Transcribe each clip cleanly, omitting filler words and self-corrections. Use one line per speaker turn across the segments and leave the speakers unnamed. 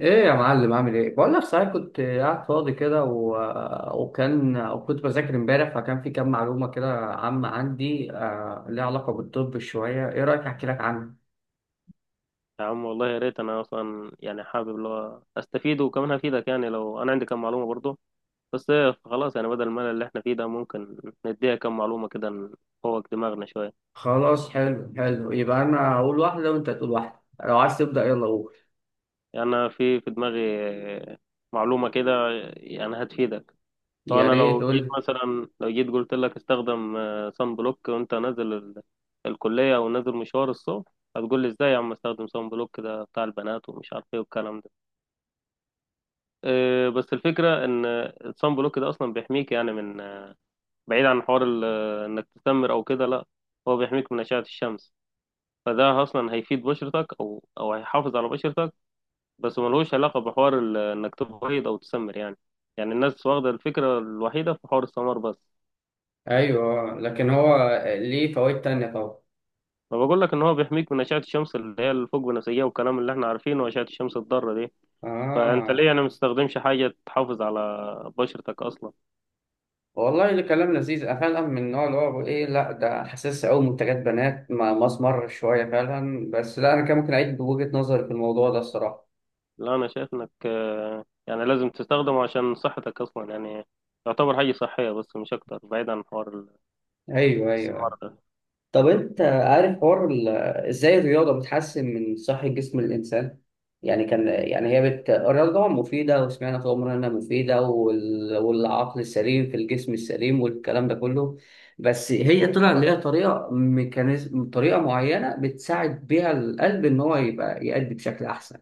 ايه يا معلم، عامل ايه؟ بقول لك، صحيح، كنت قاعد فاضي كده و... وكان وكنت بذاكر امبارح، فكان في كام معلومه كده عامه عندي ليها علاقه بالطب شويه. ايه رايك احكي لك عنها؟
يا عم والله يا ريت انا اصلا يعني حابب اللي هو استفيد وكمان هفيدك يعني لو انا عندي كم معلومه برضه. بس إيه، خلاص يعني بدل الملل اللي احنا فيه ده ممكن نديها كم معلومه كده نفوق دماغنا شويه.
خلاص، حلو حلو، يبقى انا هقول واحده وانت تقول واحده. لو عايز تبدا، يلا قول.
يعني انا في دماغي معلومه كده يعني هتفيدك. لو
يا
انا
ريت
لو
قول
جيت
لي.
مثلا لو جيت قلت لك استخدم صن بلوك وانت نازل الكليه او نازل مشوار الصبح، هتقول لي ازاي يا عم استخدم صن بلوك ده بتاع البنات ومش عارف ايه والكلام ده. بس الفكرة إن الصن بلوك ده أصلا بيحميك يعني من، بعيد عن حوار إنك تسمر أو كده. لأ، هو بيحميك من أشعة الشمس. فده أصلا هيفيد بشرتك أو هيحافظ على بشرتك، بس ملهوش علاقة بحوار إنك تبيض أو تسمر يعني. يعني الناس واخدة الفكرة الوحيدة في حوار السمار بس.
ايوه، لكن هو ليه فوائد تانية طبعا.
فبقول لك إن هو بيحميك من أشعة الشمس اللي هي الفوق بنفسجية والكلام اللي إحنا عارفينه، وأشعة الشمس الضارة دي. فأنت ليه
اه،
يعني مستخدمش حاجة تحافظ على بشرتك أصلا؟
والله اللي كلام لذيذ. أنا فعلا من النوع اللي هو بقول ايه، لا ده حاسس أوي منتجات بنات، ما مسمر شوية فعلا. بس لا، أنا كان ممكن أعيد بوجهة نظري في الموضوع ده الصراحة.
لا انا شايف انك يعني لازم تستخدمه عشان صحتك اصلا يعني، يعتبر حاجة صحية بس مش اكتر، بعيد عن حوار
أيوه
الاستثمار
أيوه.
ده.
طب انت عارف حوار ازاي الرياضه بتحسن من صحه جسم الانسان؟ يعني كان يعني هي الرياضه طبعا مفيده، وسمعنا طول عمرنا انها مفيده، والعقل السليم في الجسم السليم والكلام ده كله. بس هي طلع ليها طريقه، ميكانيزم، طريقه معينه بتساعد بيها القلب ان هو يبقى يأدي بشكل احسن.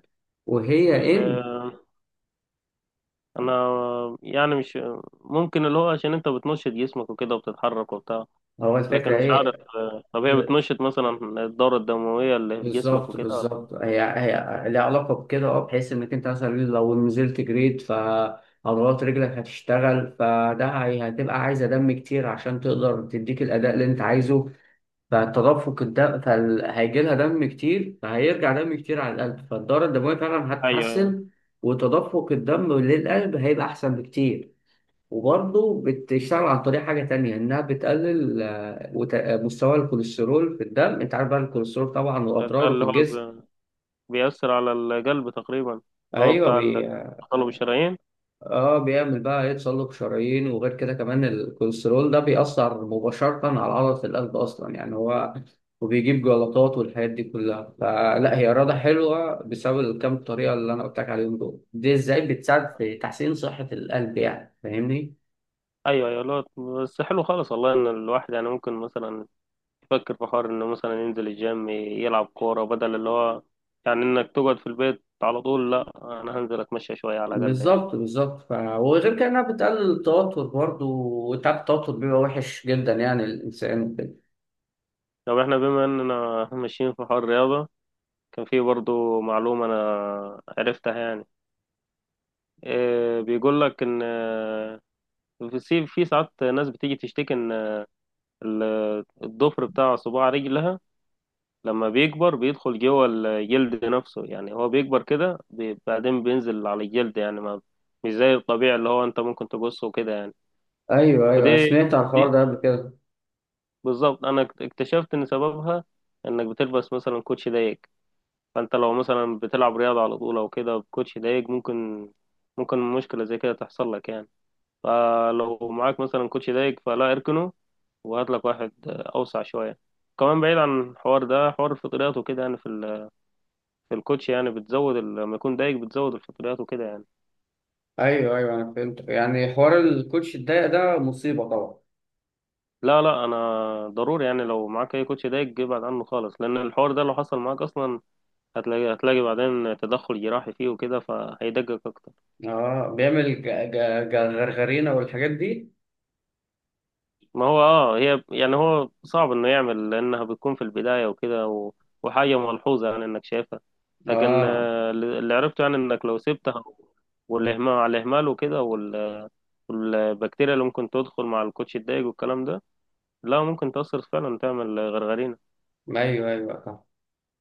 وهي
ال-
ان
انا يعني مش ممكن اللي هو عشان انت بتنشط جسمك وكده وبتتحرك وبتاع،
هو،
لكن
الفكره
مش عارف.
ايه؟
طب هي بتنشط مثلا الدورة الدموية اللي في جسمك
بالظبط
وكده ولا؟
بالظبط، هي ليها علاقة بكده. اه، بحيث انك انت مثلا لو نزلت جريد، فعضلات رجلك هتشتغل، فده هتبقى عايزة دم كتير عشان تقدر تديك الأداء اللي انت عايزه. فالتدفق الدم، فهيجي لها دم كتير، فهيرجع دم كتير على القلب، فالدورة الدموية فعلا
ايوه، أيوة.
هتتحسن. وتدفق الدم للقلب هيبقى أحسن بكتير. وبرضه بتشتغل عن طريق حاجة تانية، إنها بتقلل مستوى الكوليسترول في الدم. أنت عارف بقى الكوليسترول طبعا
ده
وأضراره في
اللي هو
الجسم.
بيأثر على القلب تقريبا. هو
ايوه
بتاع تطلب الشرايين.
اه، بيعمل بقى يتسلق شرايين. وغير كده كمان الكوليسترول ده بيأثر مباشرة على عضلة القلب اصلا، يعني هو، وبيجيب جلطات والحاجات دي كلها. فلا هي رياضة حلوة بسبب الكام طريقة اللي انا قلت لك عليهم دول، دي ازاي بتساعد في تحسين صحة القلب، يعني فاهمني؟
ايوه ايوه، لا بس حلو خالص والله، ان الواحد يعني ممكن مثلا يفكر في حوار انه مثلا ينزل الجيم يلعب كورة، بدل اللي هو يعني انك تقعد في البيت على طول. لا، انا هنزل اتمشى شوية على الاقل يعني.
بالظبط بالظبط، وغير كده انها بتقلل التوتر برضه، وتعب التوتر بيبقى وحش جدا يعني الانسان وكده.
طب احنا بما اننا ماشيين في حوار الرياضة، كان في برضو معلومة انا عرفتها يعني. إيه بيقول لك ان في في ساعات ناس بتيجي تشتكي ان ال- الضفر بتاع صباع رجلها لما بيكبر بيدخل جوه الجلد نفسه، يعني هو بيكبر كده بعدين بينزل على الجلد يعني، ما مش زي الطبيعي اللي هو انت ممكن تقصه كده يعني.
ايوه
فدي
ايوه، سمعت على الحوار ده
دي
قبل كده.
بالظبط، انا اكتشفت ان سببها انك بتلبس مثلا كوتشي ضيق. فانت لو مثلا بتلعب رياضة على طول او كده بكوتشي ضيق، ممكن مشكلة زي كده تحصل لك يعني. فلو معاك مثلا كوتشي ضيق، فلا اركنه وهات لك واحد اوسع شوية. كمان بعيد عن الحوار ده، حوار الفطريات وكده يعني، في الكوتش يعني بتزود لما يكون دايج بتزود الفطريات وكده يعني.
ايوه ايوه، انا فهمت، يعني حوار الكوتش الضيق ده مصيبه طبعا.
لا لا، انا ضروري يعني لو معاك اي كوتش دايج ابعد عنه خالص، لان الحوار ده لو حصل معاك اصلا، هتلاقي بعدين تدخل جراحي فيه وكده، فهيدقق اكتر.
اه، بيعمل غرغرينه والحاجات دي.
ما هو اه، هي يعني هو صعب انه يعمل لانها بتكون في البداية وكده وحاجة ملحوظة يعني انك شايفها، لكن
اه
اللي عرفته يعني انك لو سبتها، والاهمال على الاهمال وكده والبكتيريا اللي ممكن تدخل مع الكوتش الدايج والكلام ده، لا ممكن تأثر فعلا تعمل غرغرين.
ايوه ايوه صح.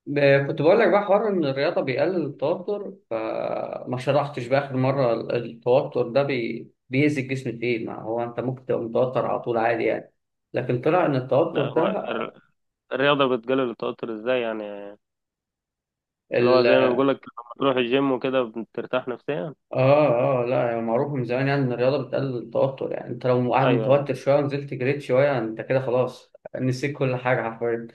كنت بقول لك بقى حوار ان الرياضه بيقلل التوتر، فما شرحتش بقى اخر مره التوتر ده بيأذي الجسم في ايه. ما هو انت ممكن تبقى متوتر على طول عادي يعني، لكن طلع ان التوتر
لا، هو
ده،
الرياضة بتقلل التوتر ازاي يعني؟ اللي هو زي ما بقولك لما تروح الجيم وكده بترتاح نفسيا.
اه اه لا، يعني معروف من زمان يعني ان الرياضه بتقلل التوتر. يعني انت لو قاعد
ايوه ايوه
متوتر شويه ونزلت جريت شويه، انت كده خلاص نسيت كل حاجه حرفيا.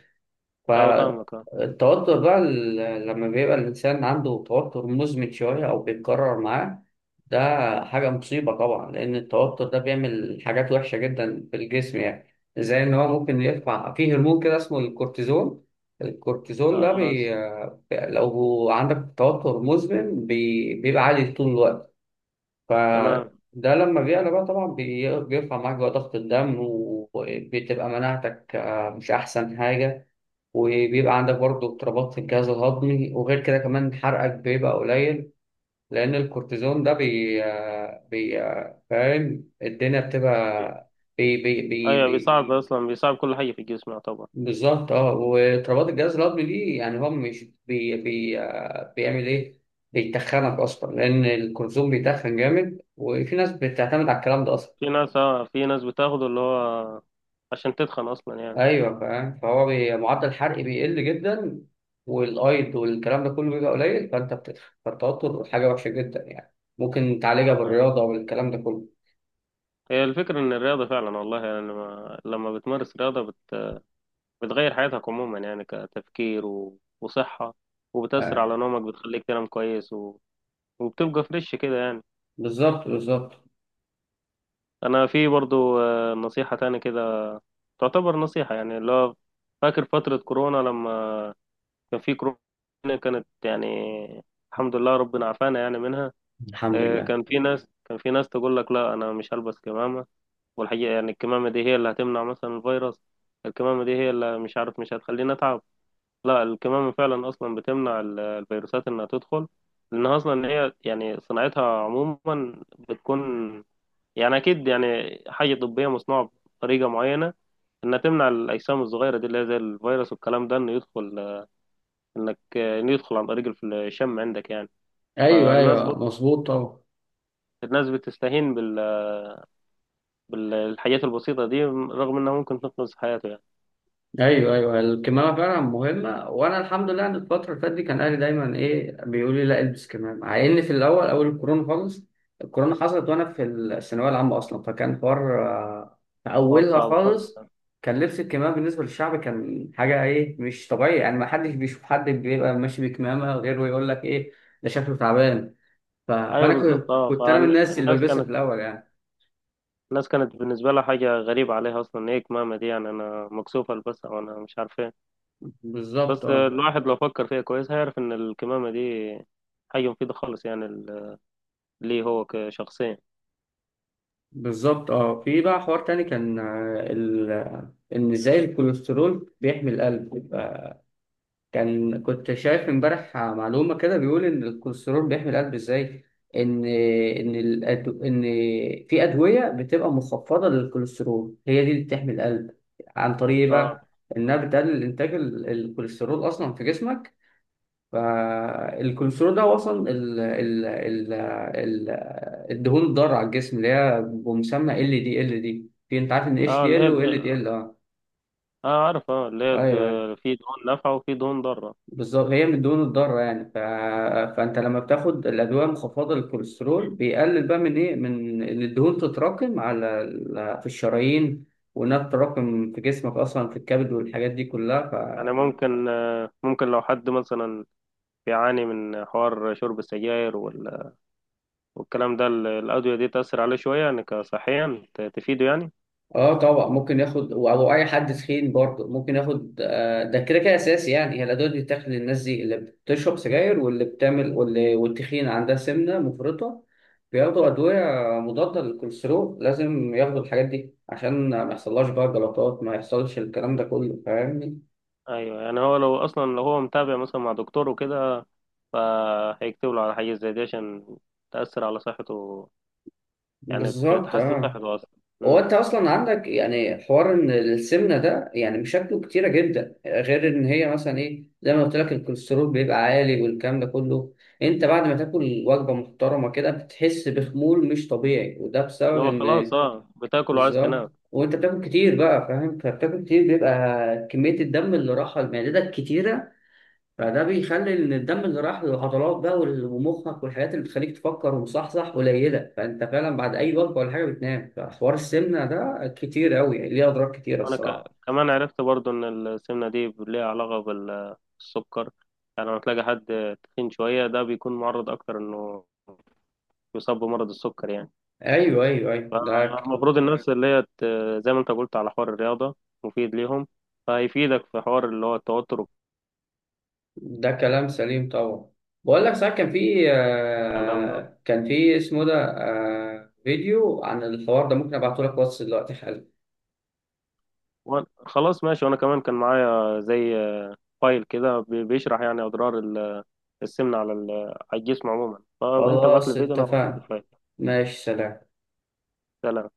ايوه، فاهمك اه.
فالتوتر بقى لما بيبقى الانسان عنده توتر مزمن شويه او بيتكرر معاه، ده حاجه مصيبه طبعا. لان التوتر ده بيعمل حاجات وحشه جدا في الجسم، يعني زي ان هو ممكن يرفع فيه هرمون كده اسمه الكورتيزون. الكورتيزون ده
آه، س-
لو عندك توتر مزمن بيبقى عالي طول الوقت.
تمام.
فده لما بيعلى بقى طبعا بيرفع معاك بقى ضغط الدم، وبتبقى مناعتك مش أحسن حاجة. وبيبقى عندك برضه اضطرابات في الجهاز الهضمي، وغير كده كمان حرقك بيبقى قليل. لأن الكورتيزون ده بي, آه، بي آه، فاهم، الدنيا بتبقى بي بي بي
ايوه
بي
بيصعب اصلا، بيصعب كل حاجة في الجسم يعتبر.
بالظبط اه، واضطرابات الجهاز الهضمي دي، يعني هو مش بي بي آه، بيعمل ايه؟ بيتخنك اصلا، لان الكورتيزون بيتخن جامد، وفي ناس بتعتمد على الكلام ده اصلا.
في ناس بتاخده اللي هو عشان تتخن اصلا يعني.
ايوه فاهم، فهو معدل الحرق بيقل جدا، والايض والكلام ده كله بيبقى قليل، فانت بتتخن. فالتوتر حاجه وحشه جدا يعني، ممكن تعالجها
طب
بالرياضه والكلام ده كله.
هي الفكرة ان الرياضة فعلا والله يعني، لما بتمارس رياضة بتغير حياتك عموما يعني، كتفكير وصحة، وبتأثر
آه.
على نومك بتخليك تنام كويس وبتبقى فريش كده يعني.
بالظبط بالظبط.
انا في برضو نصيحة تاني كده، تعتبر نصيحة يعني اللي هو. فاكر فترة كورونا لما كان في كورونا، كانت يعني، الحمد لله ربنا عافانا يعني منها.
الحمد لله.
كان في ناس تقول لك لا انا مش هلبس كمامة، والحقيقة يعني الكمامة دي هي اللي هتمنع مثلا الفيروس، الكمامة دي هي اللي مش عارف مش هتخليني اتعب. لا، الكمامة فعلا اصلا بتمنع الفيروسات انها تدخل، لانها اصلا هي يعني صناعتها عموما بتكون يعني اكيد يعني حاجه طبيه مصنوعه بطريقه معينه، انها تمنع الاجسام الصغيره دي اللي هي زي الفيروس والكلام ده انه يدخل، انك انه يدخل عن طريق الشم عندك يعني.
ايوه
فالناس
ايوه
برضه
مظبوط طبعا.
الناس بتستهين بالحاجات البسيطه دي، رغم انها ممكن تنقذ حياته يعني.
ايوه ايوه، الكمامه فعلا مهمه. وانا الحمد لله ان الفتره اللي فاتت دي كان اهلي دايما ايه بيقولوا لي لا البس كمامه، مع ان في الاول اول الكورونا خالص، الكورونا حصلت وانا في الثانويه العامه اصلا، فكان حوار في
حوار
اولها
صعب خالص
خالص.
يعني.
كان لبس الكمامه بالنسبه للشعب كان حاجه ايه مش طبيعي، يعني ما حدش بيشوف حد بيبقى ماشي بكمامه غير ويقول لك ايه، ده شكله تعبان.
ايوه
فانا
بالظبط
كنت
اه،
كنت انا من الناس اللي
فالناس
بلبسها
كانت
في الاول يعني.
الناس كانت بالنسبه لها حاجه غريبه عليها، اصلا ان هي كمامه دي يعني انا مكسوف البسها وانا مش عارف ايه.
بالظبط
بس
اه.
الواحد لو فكر فيها كويس هيعرف ان الكمامه دي حاجه مفيده خالص يعني، ليه هو كشخصيا.
بالظبط اه، في بقى حوار تاني كان ان ازاي الكوليسترول بيحمي القلب. كنت شايف امبارح معلومة كده بيقول ان الكوليسترول بيحمي القلب ازاي. ان في ادوية بتبقى مخفضة للكوليسترول، هي دي اللي بتحمي القلب. عن طريق إيه
اه
بقى؟ انها بتقلل انتاج الكوليسترول اصلا في جسمك. فالكوليسترول ده وصل ال ال ال ال الدهون الضارة على الجسم، اللي هي بمسمى LDL، في انت عارف ان اتش
اه،
دي
اللي هي
ال وال دي ال اه.
اه عارف اه، اللي هي
ايوه أيوة.
في دهون نافعة وفي دهون ضارة.
بالظبط، هي من الدهون الضاره يعني. فانت لما بتاخد الادويه المخفضه للكوليسترول بيقلل بقى من ايه، من ان الدهون تتراكم على في الشرايين، وانها تتراكم في جسمك اصلا في الكبد والحاجات دي
يعني
كلها.
ممكن لو حد مثلا بيعاني من حوار شرب السجاير والكلام ده الأدوية دي تأثر عليه شوية يعني، كصحيا تفيده يعني.
اه طبعا ممكن ياخد، او اي حد تخين برضه ممكن ياخد، ده كده كده اساسي. يعني هي الادويه دي بتاخد للناس دي، اللي بتشرب سجاير واللي بتعمل واللي والتخين عندها سمنه مفرطه، بياخدوا ادويه مضاده للكوليسترول. لازم ياخدوا الحاجات دي عشان ما يحصلهاش بقى جلطات، ما يحصلش الكلام ده كله، فاهمني؟
أيوه، يعني هو لو أصلا لو هو متابع مثلا مع دكتور وكده، فهيكتب له على حاجة زي دي عشان تأثر على صحته، يعني
بالظبط
تحسن
اه.
صحته أصلا.
هو
مم.
انت اصلا عندك يعني حوار ان السمنه ده يعني مشاكله كتيره جدا، غير ان هي مثلا ايه زي ما قلت لك الكوليسترول بيبقى عالي والكلام ده كله. انت بعد ما تاكل وجبه محترمه كده بتحس بخمول مش طبيعي، وده
اللي
بسبب
هو خلاص
ان،
اه، بتاكل وعايز تنام.
بالظبط، وانت بتاكل كتير بقى فاهم، فبتاكل كتير بيبقى كميه الدم اللي رايحه لمعدتك كتيره. فده بيخلي ان الدم اللي راح للعضلات بقى ومخك والحاجات اللي بتخليك تفكر ومصحصح قليله، فانت فعلا بعد اي وجبه ولا حاجه بتنام. فحوار السمنه ده كتير قوي يعني، ليه اضرار كتيره
انا
الصراحه.
كمان عرفت برضو ان السمنه دي ليها علاقه بالسكر، يعني لما تلاقي حد تخين شويه، ده بيكون معرض اكتر انه يصاب بمرض السكر يعني.
ايوه ايوه ايوه،
المفروض الناس اللي هي زي ما انت قلت على حوار الرياضه مفيد ليهم، فهيفيدك في حوار اللي هو التوتر
ده كلام سليم طبعا. بقول لك ساعات كان في
والكلام ده.
كان في اسمه ده فيديو عن الحوار ده، ممكن ابعته لك واتس دلوقتي حالا.
خلاص ماشي، وانا كمان كان معايا زي فايل كده بيشرح يعني اضرار السمنه على على الجسم عموما. فانت ابعت لي
خلاص
الفيديو، انا هبعت لك
اتفقنا.
الفايل.
ماشي، سلام.
سلام.